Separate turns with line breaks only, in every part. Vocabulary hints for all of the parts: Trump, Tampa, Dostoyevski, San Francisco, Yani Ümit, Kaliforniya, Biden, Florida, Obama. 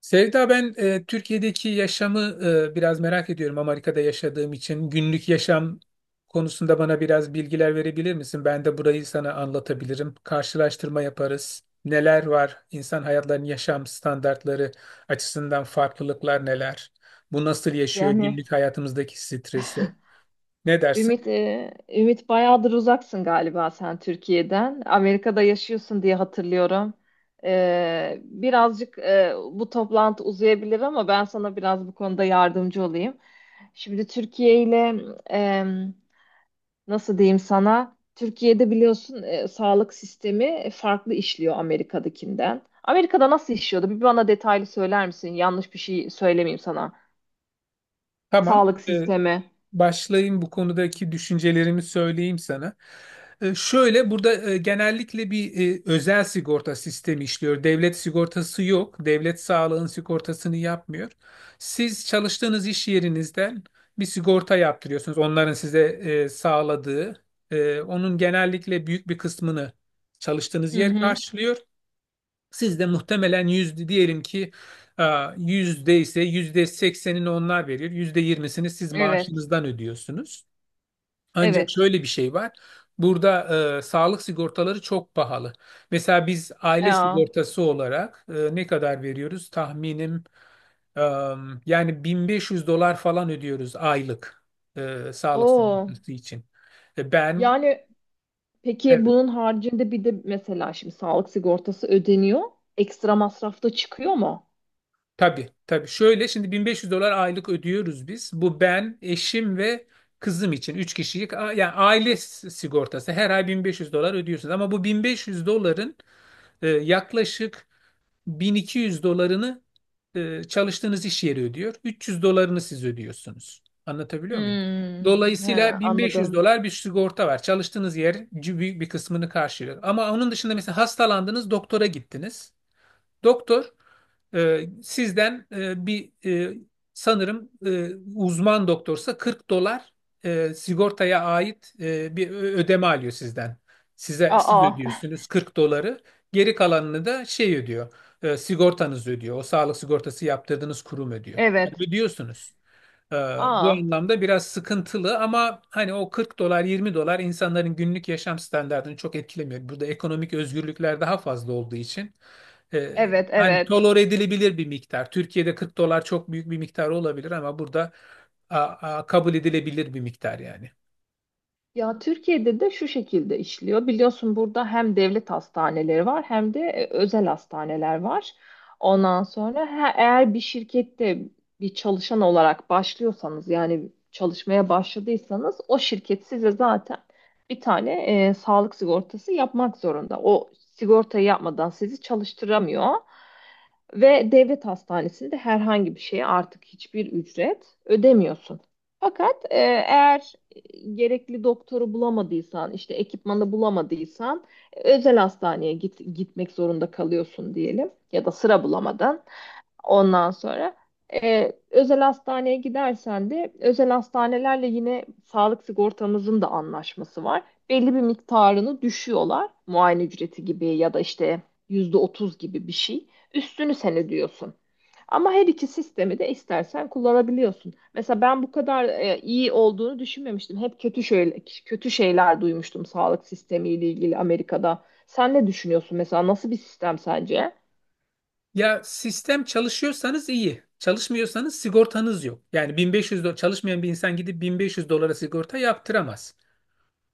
Sevda, ben Türkiye'deki yaşamı biraz merak ediyorum Amerika'da yaşadığım için. Günlük yaşam konusunda bana biraz bilgiler verebilir misin? Ben de burayı sana anlatabilirim. Karşılaştırma yaparız. Neler var? İnsan hayatlarının yaşam standartları açısından farklılıklar neler? Bu nasıl yaşıyor
Yani
günlük hayatımızdaki stresi? Ne dersin?
Ümit, Ümit bayağıdır uzaksın galiba sen Türkiye'den. Amerika'da yaşıyorsun diye hatırlıyorum. Birazcık bu toplantı uzayabilir ama ben sana biraz bu konuda yardımcı olayım. Şimdi Türkiye ile e, nasıl diyeyim sana? Türkiye'de biliyorsun sağlık sistemi farklı işliyor Amerika'dakinden. Amerika'da nasıl işliyordu? Bir bana detaylı söyler misin? Yanlış bir şey söylemeyeyim sana.
Tamam.
Sağlık sistemi.
Başlayayım bu konudaki düşüncelerimi söyleyeyim sana. Şöyle burada genellikle bir özel sigorta sistemi işliyor. Devlet sigortası yok. Devlet sağlığın sigortasını yapmıyor. Siz çalıştığınız iş yerinizden bir sigorta yaptırıyorsunuz. Onların size sağladığı, onun genellikle büyük bir kısmını çalıştığınız
Hı
yer
hı.
karşılıyor. Siz de muhtemelen yüzde diyelim ki, e, yüzde ise yüzde seksenini onlar verir. %20'sini siz
Evet,
maaşınızdan ödüyorsunuz. Ancak
evet.
şöyle bir şey var. Burada sağlık sigortaları çok pahalı. Mesela biz aile
Ya,
sigortası olarak ne kadar veriyoruz? Tahminim, e, yani 1500 dolar falan ödüyoruz aylık sağlık
o.
sigortası için. E, ben
Yani peki
Evet.
bunun haricinde bir de mesela şimdi sağlık sigortası ödeniyor. Ekstra masrafta çıkıyor mu?
Tabii, tabii. Şöyle şimdi 1500 dolar aylık ödüyoruz biz. Bu ben, eşim ve kızım için 3 kişilik yani aile sigortası. Her ay 1500 dolar ödüyorsunuz ama bu 1500 doların yaklaşık 1200 dolarını çalıştığınız iş yeri ödüyor. 300 dolarını siz ödüyorsunuz. Anlatabiliyor muyum?
Hmm, he,
Dolayısıyla 1500
anladım.
dolar bir sigorta var. Çalıştığınız yer büyük bir kısmını karşılıyor. Ama onun dışında mesela hastalandınız, doktora gittiniz. Doktor sizden bir sanırım uzman doktorsa 40 dolar sigortaya ait bir ödeme alıyor sizden. Siz
Aa,
ödüyorsunuz 40 doları. Geri kalanını da şey ödüyor. Sigortanız ödüyor. O sağlık sigortası yaptırdığınız kurum ödüyor. Yani
evet.
ödüyorsunuz. Ee, Bu
Aa,
anlamda biraz sıkıntılı ama hani o 40 dolar 20 dolar insanların günlük yaşam standartını çok etkilemiyor. Burada ekonomik özgürlükler daha fazla olduğu için, e,
evet,
hani
evet.
tolere edilebilir bir miktar. Türkiye'de 40 dolar çok büyük bir miktar olabilir ama burada kabul edilebilir bir miktar yani.
Ya Türkiye'de de şu şekilde işliyor. Biliyorsun burada hem devlet hastaneleri var hem de özel hastaneler var. Ondan sonra eğer bir şirkette bir çalışan olarak başlıyorsanız yani çalışmaya başladıysanız o şirket size zaten bir tane sağlık sigortası yapmak zorunda. O sigortayı yapmadan sizi çalıştıramıyor. Ve devlet hastanesinde herhangi bir şeye artık hiçbir ücret ödemiyorsun. Fakat eğer gerekli doktoru bulamadıysan, işte ekipmanı bulamadıysan özel hastaneye gitmek zorunda kalıyorsun diyelim ya da sıra bulamadan. Ondan sonra özel hastaneye gidersen de özel hastanelerle yine sağlık sigortamızın da anlaşması var. Belli bir miktarını düşüyorlar. Muayene ücreti gibi ya da işte yüzde otuz gibi bir şey. Üstünü sen ödüyorsun. Ama her iki sistemi de istersen kullanabiliyorsun. Mesela ben bu kadar iyi olduğunu düşünmemiştim. Hep kötü şöyle kötü şeyler duymuştum sağlık sistemiyle ilgili Amerika'da. Sen ne düşünüyorsun mesela? Nasıl bir sistem sence?
Ya sistem çalışıyorsanız iyi. Çalışmıyorsanız sigortanız yok. Yani 1500 çalışmayan bir insan gidip 1500 dolara sigorta yaptıramaz.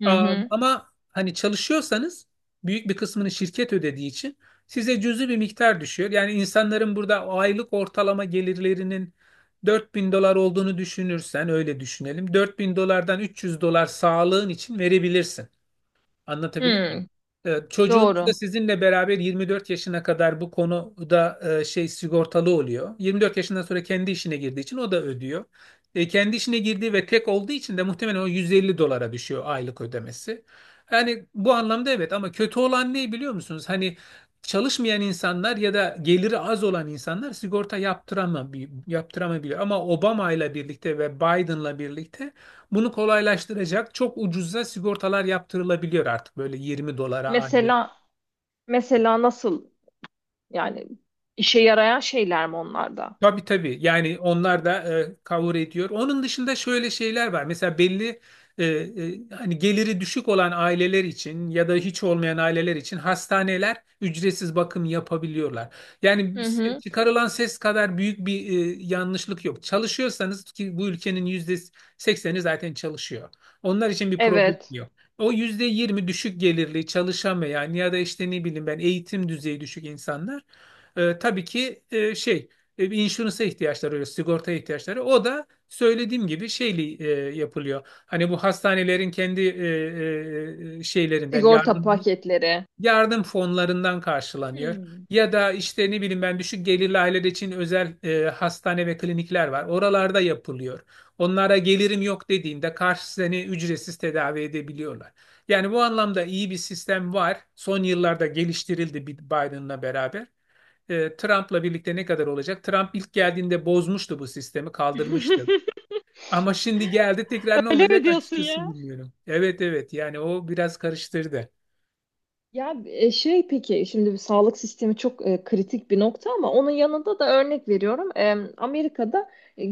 Hı
Am-
hı.
Ama hani çalışıyorsanız büyük bir kısmını şirket ödediği için size cüzi bir miktar düşüyor. Yani insanların burada aylık ortalama gelirlerinin 4000 dolar olduğunu düşünürsen öyle düşünelim. 4000 dolardan 300 dolar sağlığın için verebilirsin. Anlatabiliyor
Hı,
Evet, çocuğunuz da
doğru.
sizinle beraber 24 yaşına kadar bu konuda şey sigortalı oluyor. 24 yaşından sonra kendi işine girdiği için o da ödüyor. Kendi işine girdiği ve tek olduğu için de muhtemelen o 150 dolara düşüyor aylık ödemesi. Yani bu anlamda evet ama kötü olan ne biliyor musunuz? Hani çalışmayan insanlar ya da geliri az olan insanlar sigorta yaptıramabiliyor. Ama Obama ile birlikte ve Biden'la birlikte bunu kolaylaştıracak çok ucuza sigortalar yaptırılabiliyor artık böyle 20 dolara aylık.
Mesela mesela nasıl yani işe yarayan şeyler mi onlarda?
Tabii tabii. Yani onlar da cover ediyor. Onun dışında şöyle şeyler var. Mesela belli hani geliri düşük olan aileler için ya da hiç olmayan aileler için hastaneler ücretsiz bakım yapabiliyorlar. Yani
Hı hı.
çıkarılan ses kadar büyük bir yanlışlık yok. Çalışıyorsanız ki bu ülkenin %80'i zaten çalışıyor. Onlar için bir problem
Evet.
yok. O %20 düşük gelirli çalışamayan ya da işte ne bileyim ben eğitim düzeyi düşük insanlar, tabii ki şey bir insurance'a ihtiyaçları oluyor, sigortaya ihtiyaçları. O da söylediğim gibi şeyli yapılıyor. Hani bu hastanelerin kendi şeylerinden
Sigorta paketleri.
yardım fonlarından karşılanıyor.
Hmm.
Ya da işte ne bileyim ben düşük gelirli aileler için özel hastane ve klinikler var. Oralarda yapılıyor. Onlara gelirim yok dediğinde karşı seni ücretsiz tedavi edebiliyorlar. Yani bu anlamda iyi bir sistem var. Son yıllarda geliştirildi Biden'la beraber, Trump'la birlikte ne kadar olacak? Trump ilk geldiğinde bozmuştu bu sistemi, kaldırmıştı. Ama şimdi geldi tekrar ne
Öyle mi
olacak
diyorsun
açıkçası
ya?
bilmiyorum. Evet evet, yani o biraz karıştırdı.
Ya şey peki şimdi bir sağlık sistemi çok kritik bir nokta ama onun yanında da örnek veriyorum. E, Amerika'da e,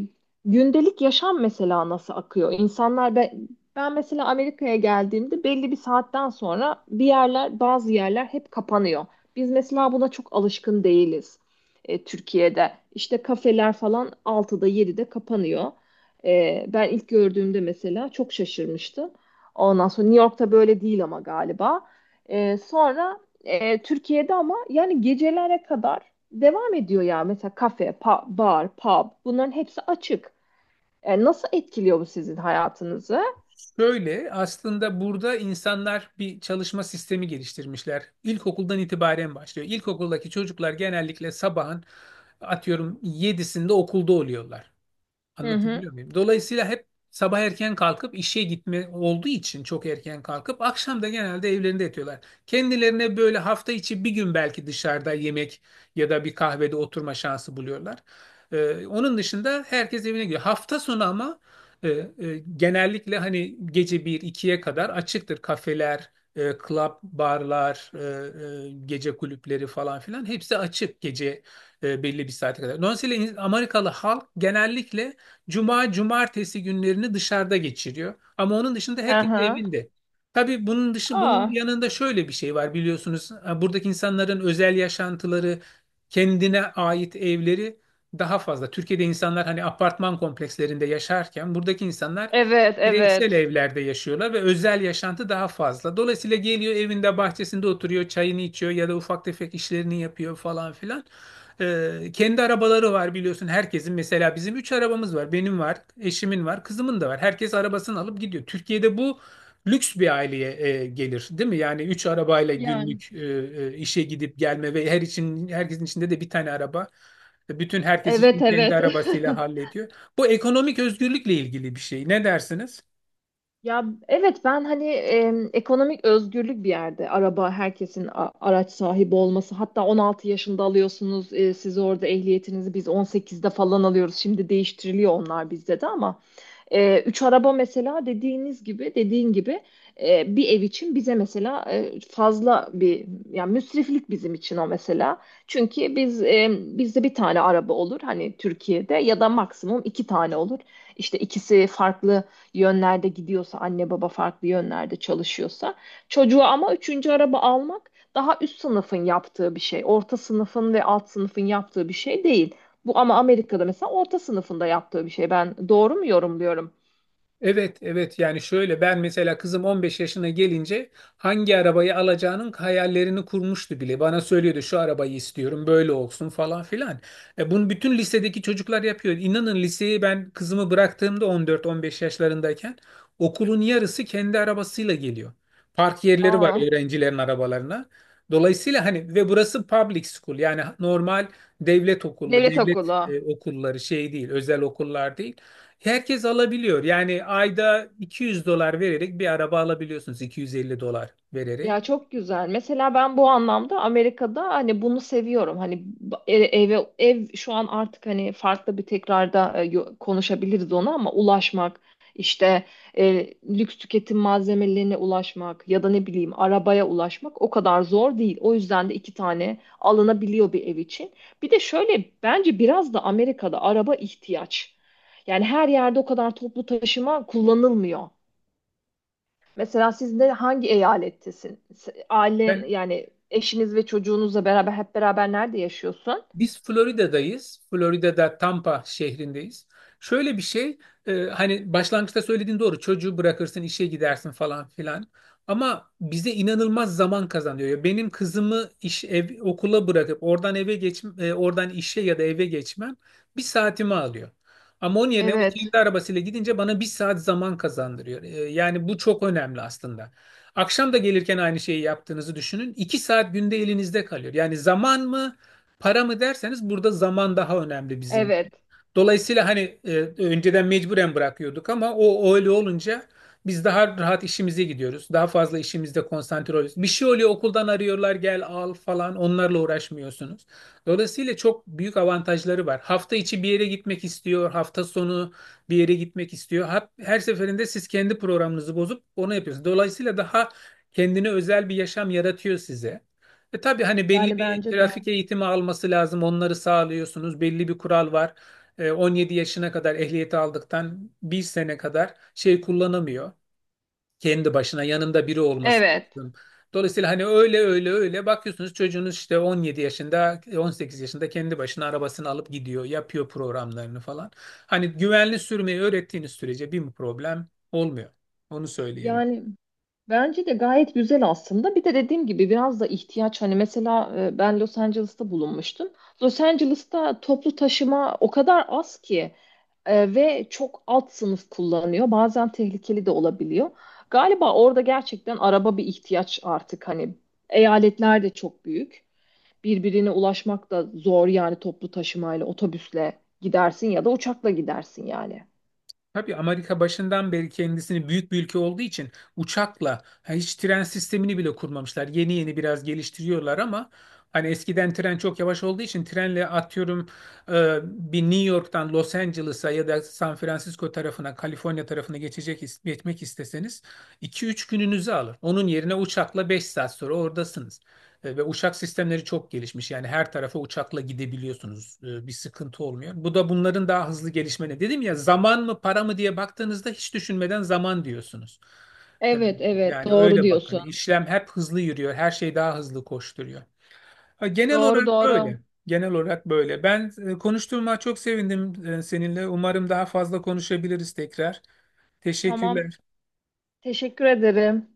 gündelik yaşam mesela nasıl akıyor? İnsanlar ben mesela Amerika'ya geldiğimde belli bir saatten sonra bir yerler bazı yerler hep kapanıyor. Biz mesela buna çok alışkın değiliz Türkiye'de. İşte kafeler falan 6'da 7'de kapanıyor. E, ben ilk gördüğümde mesela çok şaşırmıştım. Ondan sonra New York'ta böyle değil ama galiba. Sonra Türkiye'de ama yani gecelere kadar devam ediyor ya. Mesela kafe, bar, pub bunların hepsi açık. E, nasıl etkiliyor bu sizin hayatınızı?
Şöyle aslında burada insanlar bir çalışma sistemi geliştirmişler. İlkokuldan itibaren başlıyor. İlkokuldaki çocuklar genellikle sabahın atıyorum yedisinde okulda oluyorlar.
Hı hı.
Anlatabiliyor muyum? Dolayısıyla hep sabah erken kalkıp işe gitme olduğu için çok erken kalkıp akşam da genelde evlerinde yatıyorlar. Kendilerine böyle hafta içi bir gün belki dışarıda yemek ya da bir kahvede oturma şansı buluyorlar. Onun dışında herkes evine gidiyor. Hafta sonu ama e, e, genellikle hani gece bir ikiye kadar açıktır kafeler, club, barlar, gece kulüpleri falan filan hepsi açık gece, belli bir saate kadar. Dolayısıyla Amerikalı halk genellikle Cuma, cumartesi günlerini dışarıda geçiriyor. Ama onun dışında herkes
Aha.
evinde. Tabii bunun
Aa,
yanında şöyle bir şey var biliyorsunuz. Ha, buradaki insanların özel yaşantıları, kendine ait evleri daha fazla. Türkiye'de insanlar hani apartman komplekslerinde yaşarken buradaki insanlar
evet,
bireysel
evet.
evlerde yaşıyorlar ve özel yaşantı daha fazla. Dolayısıyla geliyor evinde bahçesinde oturuyor, çayını içiyor ya da ufak tefek işlerini yapıyor falan filan. Kendi arabaları var biliyorsun herkesin. Mesela bizim 3 arabamız var. Benim var, eşimin var, kızımın da var. Herkes arabasını alıp gidiyor. Türkiye'de bu lüks bir aileye gelir, değil mi? Yani 3 arabayla
Yani.
günlük, işe gidip gelme ve her için herkesin içinde de bir tane araba. Bütün herkes için
Evet
kendi
evet.
arabasıyla hallediyor. Bu ekonomik özgürlükle ilgili bir şey. Ne dersiniz?
Ya evet ben hani ekonomik özgürlük bir yerde araba herkesin araç sahibi olması hatta 16 yaşında alıyorsunuz siz orada ehliyetinizi biz 18'de falan alıyoruz şimdi değiştiriliyor onlar bizde de ama üç araba mesela dediğin gibi bir ev için bize mesela fazla bir yani müsriflik bizim için o mesela. Çünkü biz bizde bir tane araba olur hani Türkiye'de ya da maksimum iki tane olur. İşte ikisi farklı yönlerde gidiyorsa anne baba farklı yönlerde çalışıyorsa çocuğa ama üçüncü araba almak daha üst sınıfın yaptığı bir şey. Orta sınıfın ve alt sınıfın yaptığı bir şey değil. Bu ama Amerika'da mesela orta sınıfında yaptığı bir şey. Ben doğru mu yorumluyorum?
Evet, evet. Yani şöyle ben mesela kızım 15 yaşına gelince hangi arabayı alacağının hayallerini kurmuştu bile. Bana söylüyordu şu arabayı istiyorum, böyle olsun falan filan. Bunu bütün lisedeki çocuklar yapıyor. İnanın liseyi ben kızımı bıraktığımda 14-15 yaşlarındayken okulun yarısı kendi arabasıyla geliyor. Park yerleri var
Aa,
öğrencilerin arabalarına. Dolayısıyla hani ve burası public school, yani normal devlet okulu,
devlet
devlet
okulu.
okulları, şey değil, özel okullar değil. Herkes alabiliyor. Yani ayda 200 dolar vererek bir araba alabiliyorsunuz. 250 dolar vererek.
Ya çok güzel. Mesela ben bu anlamda Amerika'da hani bunu seviyorum. Hani e- eve ev şu an artık hani farklı bir tekrarda konuşabiliriz onu ama ulaşmak işte lüks tüketim malzemelerine ulaşmak ya da ne bileyim arabaya ulaşmak o kadar zor değil. O yüzden de iki tane alınabiliyor bir ev için. Bir de şöyle bence biraz da Amerika'da araba ihtiyaç. Yani her yerde o kadar toplu taşıma kullanılmıyor. Mesela siz de hangi eyalettesin? Ailen
Ben
yani eşiniz ve çocuğunuzla beraber hep beraber nerede yaşıyorsun?
Biz Florida'dayız. Florida'da Tampa şehrindeyiz. Şöyle bir şey, hani başlangıçta söylediğin doğru. Çocuğu bırakırsın, işe gidersin falan filan. Ama bize inanılmaz zaman kazanıyor. Ya, benim kızımı iş, ev, okula bırakıp oradan eve geç, oradan işe ya da eve geçmem bir saatimi alıyor. Ama onun yerine o
Evet.
kendi arabasıyla gidince bana bir saat zaman kazandırıyor. Yani bu çok önemli aslında. Akşam da gelirken aynı şeyi yaptığınızı düşünün. 2 saat günde elinizde kalıyor. Yani zaman mı? Para mı derseniz burada zaman daha önemli bizim.
Evet.
Dolayısıyla hani, önceden mecburen bırakıyorduk ama o öyle olunca biz daha rahat işimize gidiyoruz. Daha fazla işimizde konsantre oluyoruz. Bir şey oluyor okuldan arıyorlar gel al falan onlarla uğraşmıyorsunuz. Dolayısıyla çok büyük avantajları var. Hafta içi bir yere gitmek istiyor, hafta sonu bir yere gitmek istiyor. Her seferinde siz kendi programınızı bozup onu yapıyorsunuz. Dolayısıyla daha kendine özel bir yaşam yaratıyor size. Tabii hani belli
Yani
bir
bence de.
trafik eğitimi alması lazım. Onları sağlıyorsunuz. Belli bir kural var. 17 yaşına kadar ehliyeti aldıktan bir sene kadar şey kullanamıyor. Kendi başına yanında biri olması
Evet.
lazım. Dolayısıyla hani öyle öyle öyle bakıyorsunuz çocuğunuz işte 17 yaşında 18 yaşında kendi başına arabasını alıp gidiyor yapıyor programlarını falan. Hani güvenli sürmeyi öğrettiğiniz sürece bir problem olmuyor. Onu söyleyebilirim.
Yani bence de gayet güzel aslında. Bir de dediğim gibi biraz da ihtiyaç. Hani mesela ben Los Angeles'ta bulunmuştum. Los Angeles'ta toplu taşıma o kadar az ki ve çok alt sınıf kullanıyor. Bazen tehlikeli de olabiliyor. Galiba orada gerçekten araba bir ihtiyaç artık. Hani eyaletler de çok büyük birbirine ulaşmak da zor yani toplu taşımayla, otobüsle gidersin ya da uçakla gidersin yani.
Tabii Amerika başından beri kendisini büyük bir ülke olduğu için uçakla, ha, hiç tren sistemini bile kurmamışlar. Yeni yeni biraz geliştiriyorlar ama hani eskiden tren çok yavaş olduğu için trenle atıyorum, e, bir New York'tan Los Angeles'a ya da San Francisco tarafına, Kaliforniya tarafına geçecek geçmek isteseniz 2-3 gününüzü alır. Onun yerine uçakla 5 saat sonra oradasınız. Ve uçak sistemleri çok gelişmiş. Yani her tarafa uçakla gidebiliyorsunuz. Bir sıkıntı olmuyor. Bu da bunların daha hızlı gelişmeni. Dedim ya zaman mı para mı diye baktığınızda hiç düşünmeden zaman diyorsunuz. E,
Evet, evet,
Yani
doğru
öyle bakın.
diyorsun.
İşlem hep hızlı yürüyor. Her şey daha hızlı koşturuyor. Ha, genel
Doğru,
olarak
doğru.
böyle. Genel olarak böyle. Ben konuştuğuma çok sevindim, seninle. Umarım daha fazla konuşabiliriz tekrar.
Tamam,
Teşekkürler.
teşekkür ederim.